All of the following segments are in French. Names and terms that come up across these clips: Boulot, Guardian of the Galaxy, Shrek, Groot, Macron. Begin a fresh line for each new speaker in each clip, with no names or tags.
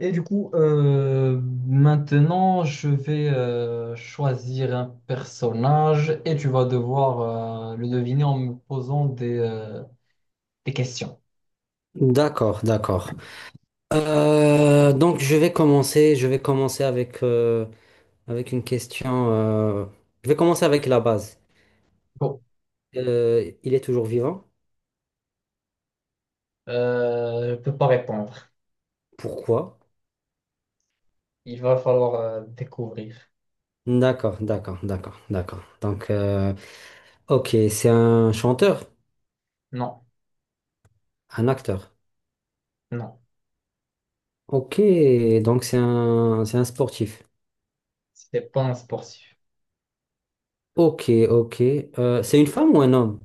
Et du coup, maintenant, je vais choisir un personnage et tu vas devoir le deviner en me posant des questions.
D'accord, d'accord. Donc je vais commencer avec, avec une question. Je vais commencer avec la base.
Bon,
Il est toujours vivant?
je peux pas répondre.
Pourquoi?
Il va falloir découvrir.
D'accord, d'accord, d'accord, d'accord. Donc, ok, c'est un chanteur,
Non,
un acteur.
non,
Ok, donc c'est un sportif.
c'est pas un sportif.
Ok, ok. C'est une femme ou un homme?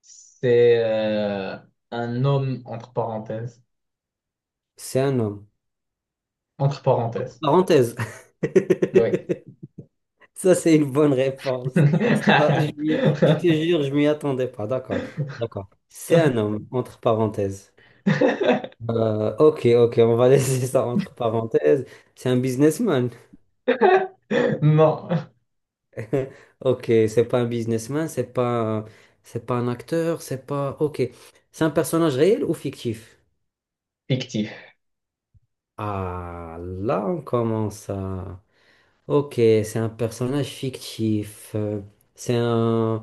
C'est un homme entre parenthèses.
C'est un homme.
Entre parenthèses.
Parenthèse.
Oui.
Ça, c'est une bonne réponse. Ça, je te jure, je m'y attendais pas. D'accord. D'accord. C'est un homme, entre parenthèses. Ok, ok, on va laisser ça entre parenthèses. C'est un businessman.
Non,
Ok, c'est pas un businessman, c'est pas un acteur, c'est pas. Ok. C'est un personnage réel ou fictif?
fictif,
Ah, là, on commence à. Ok, c'est un personnage fictif. C'est un...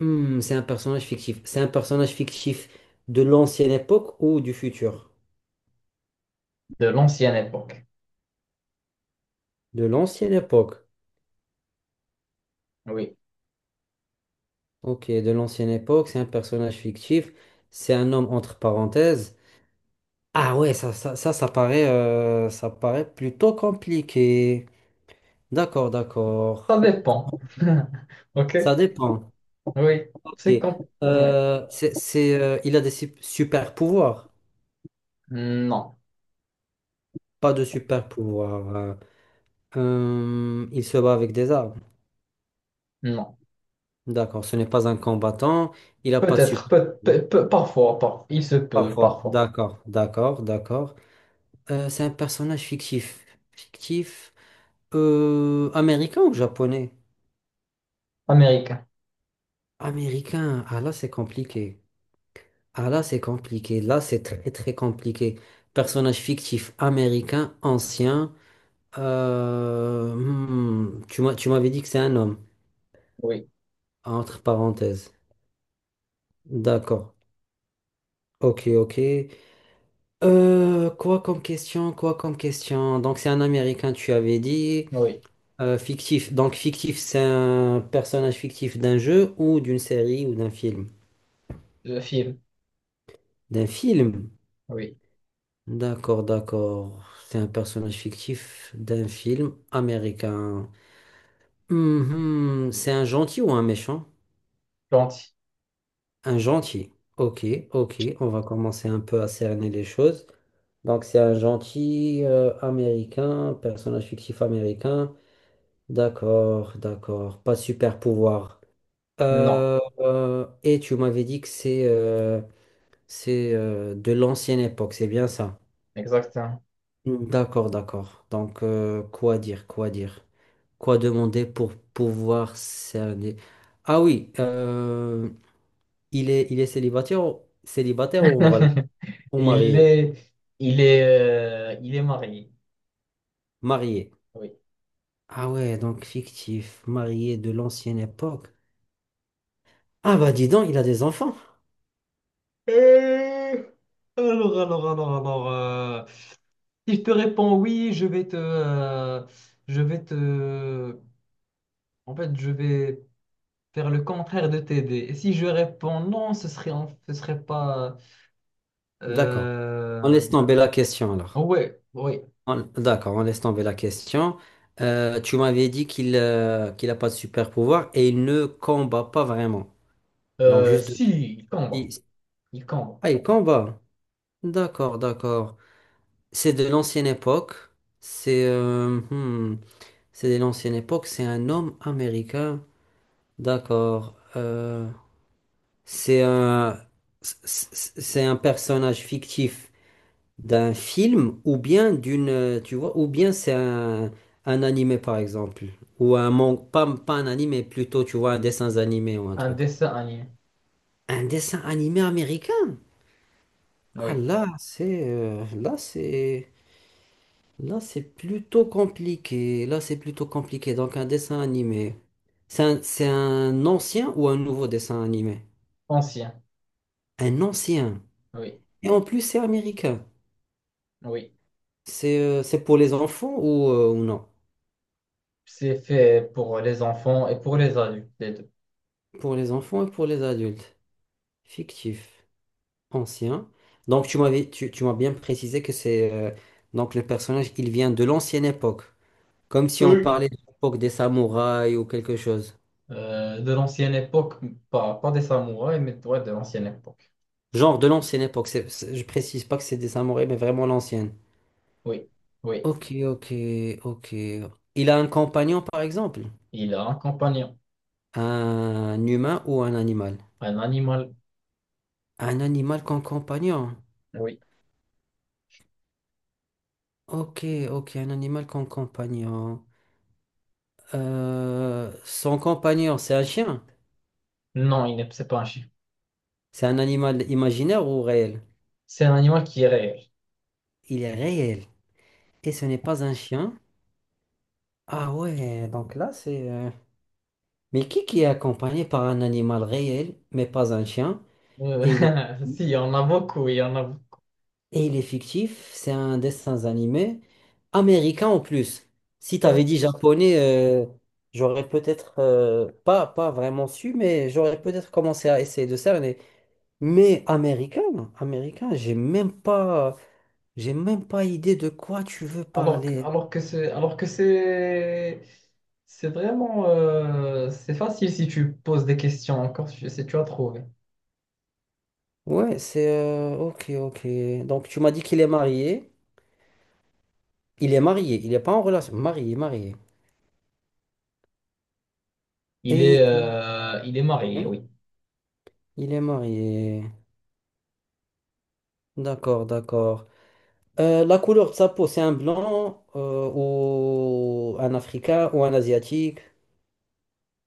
Hmm, c'est un personnage fictif. C'est un personnage fictif de l'ancienne époque ou du futur?
de l'ancienne époque.
De l'ancienne époque.
Oui.
Ok, de l'ancienne époque, c'est un personnage fictif. C'est un homme entre parenthèses. Ah ouais, ça, ça paraît plutôt compliqué. D'accord,
Ça
d'accord.
dépend.
Ça
Ok?
dépend.
Oui.
Ok.
C'est quand... Oui.
Il a des super pouvoirs.
Non.
Pas de super pouvoirs. Il se bat avec des armes.
Non.
D'accord, ce n'est pas un combattant. Il n'a pas de
Peut-être.
support.
Parfois, parfois. Il se peut,
Parfois.
parfois.
D'accord, d'accord, d'accord. C'est un personnage fictif. Fictif. Américain ou japonais?
Américain.
Américain. Ah là, c'est compliqué. Ah là, c'est compliqué. Là, c'est très, très compliqué. Personnage fictif américain, ancien. Tu m'avais dit que c'est un homme,
Oui.
entre parenthèses. D'accord. Ok, ok. Quoi comme question, quoi comme question. Donc c'est un Américain, tu avais dit,
Oui.
fictif. Donc fictif, c'est un personnage fictif d'un jeu ou d'une série ou d'un film?
Le film.
D'un film.
Oui.
D'accord, d'accord. C'est un personnage fictif d'un film américain. Mhm. C'est un gentil ou un méchant?
Gentil.
Un gentil. Ok, ok. On va commencer un peu à cerner les choses. Donc c'est un gentil américain, personnage fictif américain. D'accord, d'accord. Pas de super pouvoir.
Non.
Et tu m'avais dit que c'est de l'ancienne époque, c'est bien ça?
Exactement.
Mm. D'accord, d'accord. Donc, quoi dire, quoi dire? Quoi demander pour pouvoir cerner? Ah oui, il est célibataire, célibataire ou en relation? Ou
Il
marié?
est... Il est... Il est marié.
Marié.
Oui.
Ah ouais, donc fictif, marié de l'ancienne époque. Ah bah dis donc, il a des enfants.
Euh, alors, alors... Si je te réponds oui, je vais te... Je vais te... En fait, je vais... faire le contraire de t'aider. Et si je réponds non, ce serait, ce serait pas.
D'accord. On
Euh...
laisse tomber la question alors.
Ouais, oui.
D'accord, on laisse tomber la question. Tu m'avais dit qu'il qu'il n'a pas de super pouvoir et il ne combat pas vraiment. Donc juste de...
Si, il combat.
il-
Il combat.
Ah, il combat. D'accord, d'accord. C'est de l'ancienne époque. C'est euh, hmm, c'est de l'ancienne époque. C'est un homme américain. D'accord. C'est un c'est un personnage fictif. D'un film ou bien d'une, tu vois, ou bien c'est un animé par exemple, ou un manga, pas, pas un animé, plutôt tu vois un dessin animé ou un
Un
truc.
dessin animé.
Un dessin animé américain? Ah
Oui.
là, c'est là c'est là c'est plutôt compliqué. Là c'est plutôt compliqué. Donc un dessin animé, c'est un ancien ou un nouveau dessin animé?
Ancien.
Un ancien.
Oui.
Et en plus c'est américain.
Oui.
C'est pour les enfants ou non?
C'est fait pour les enfants et pour les adultes, les deux.
Pour les enfants et pour les adultes. Fictif, ancien. Donc tu m'avais, tu m'as bien précisé que c'est donc le personnage, il vient de l'ancienne époque, comme si on
Oui.
parlait de l'époque des samouraïs ou quelque chose.
De l'ancienne époque, pas des samouraïs, mais ouais de l'ancienne époque.
Genre de l'ancienne époque. Je précise pas que c'est des samouraïs, mais vraiment l'ancienne.
Oui. Oui.
Ok, ok, ok. Il a un compagnon par exemple,
Il a un compagnon.
un humain ou un animal.
Un animal.
Un animal comme compagnon.
Oui.
Ok, ok, un animal comme compagnon. Son compagnon, c'est un chien.
Non, il n'est, c'est pas un chien.
C'est un animal imaginaire ou réel?
C'est un animal qui est réel.
Il est réel. Et ce n'est pas un chien? Ah ouais, donc là c'est... Mais qui est accompagné par un animal réel, mais pas un chien?
Euh,
Et il est,
si, il y en a beaucoup.
et il est fictif, c'est un dessin animé américain en plus. Si t'avais dit japonais, j'aurais peut-être pas, pas vraiment su, mais j'aurais peut-être commencé à essayer de cerner. Mais américain, américain, j'ai même pas... J'ai même pas idée de quoi tu veux parler.
Alors que c'est vraiment, c'est facile si tu poses des questions encore, si tu as trouvé.
Ouais, c'est... ok, ok. Donc, tu m'as dit qu'il est marié. Il est marié, il n'est pas en relation. Marié, marié. Et il
Il est marié,
hein,
oui.
il est marié. D'accord, d'accord. La couleur de sa peau, c'est un blanc ou un africain ou un asiatique?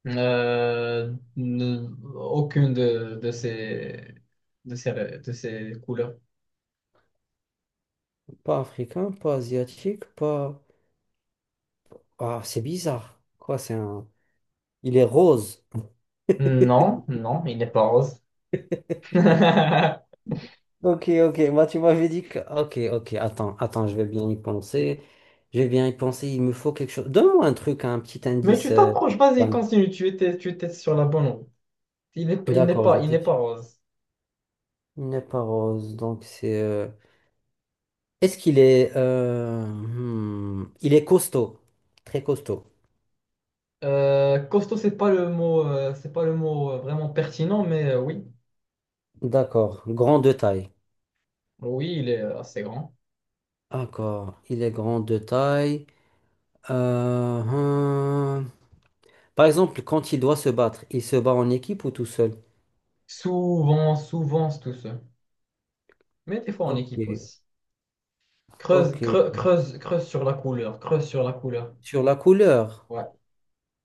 Euh, ne- aucune de ses, de ses couleurs.
Pas africain, pas asiatique, pas... Ah, c'est bizarre. Quoi, c'est un... Il est rose.
Non, non, il n'est pas rose. Mais
Ok, ok, bah tu m'avais dit que... Ok, ok, attends, attends, je vais bien y penser. Je vais bien y penser, il me faut quelque chose. Donne-moi un truc, un petit indice.
tu t'approches, vas-y,
Van.
continue, tu étais sur la bonne route.
D'accord, je
Il
t'ai
n'est pas
dit.
rose.
Il n'est pas rose, donc c'est... Est-ce qu'il est... Il est costaud, très costaud.
Costaud, c'est pas le mot, vraiment pertinent, mais oui,
D'accord, grand de taille.
oui, il est assez grand.
D'accord, il est grand de taille. Euh, hmm. Par exemple, quand il doit se battre, il se bat en équipe ou tout seul?
Souvent, souvent, c'est tout seul. Mais des fois en
Ok,
équipe aussi.
ok.
Creuse, creuse, creuse sur la couleur, creuse sur la couleur.
Sur la couleur.
Ouais.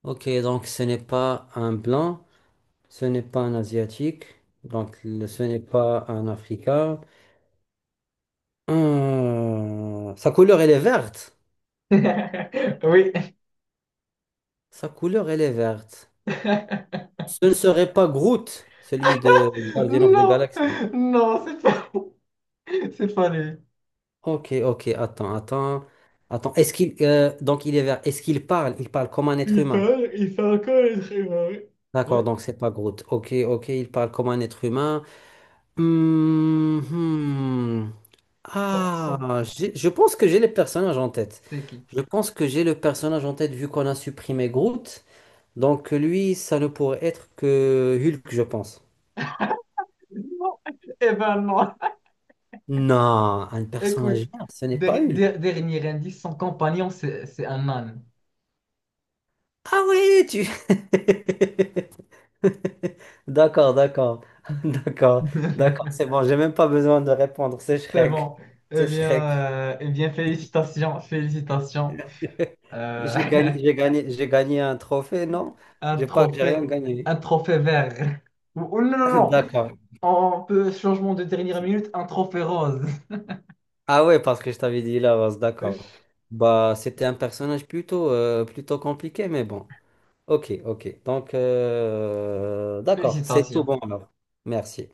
Ok, donc ce n'est pas un blanc, ce n'est pas un asiatique, ce n'est pas un africain. Sa couleur, elle est verte.
Oui.
Sa couleur, elle est verte. Ce ne serait pas Groot, celui de Guardian of the
Non,
Galaxy.
non, c'est pas, c'est pas lui.
Ok, ok, attends, attends. Attends, est-ce qu'il... donc il est vert. Est-ce qu'il parle? Il parle comme un être humain.
Il fait encore les trimarés.
D'accord,
Ouais.
donc c'est pas Groot. Ok, ok, il parle comme un être humain. Hmm, hmm.
Sans, sans,
Ah, je pense que j'ai les personnages en tête.
c'est qui?
Je pense que j'ai le personnage en tête vu qu'on a supprimé Groot. Donc lui, ça ne pourrait être que Hulk, je pense.
Non. Eh ben non.
Non, un personnage,
Écoute,
vert, ce n'est pas Hulk.
dernier indice, son compagnon, c'est un âne.
Ah oui, tu... D'accord, d'accord, d'accord, d'accord, c'est bon, j'ai même pas besoin de répondre, c'est
C'est
Shrek,
bon.
c'est Shrek.
Eh bien, félicitations, félicitations. Euh,
J'ai gagné, j'ai gagné, j'ai gagné un trophée, non?
un
J'ai pas, j'ai rien
trophée,
gagné.
un trophée vert. Ou non, non, non.
D'accord,
On peut, changement de dernière minute, un trophée rose.
ah ouais, parce que je t'avais dit la base, d'accord. Bah, c'était un personnage plutôt, plutôt compliqué, mais bon. Ok, ok. Donc, d'accord, c'est tout
Félicitations.
bon alors. Merci.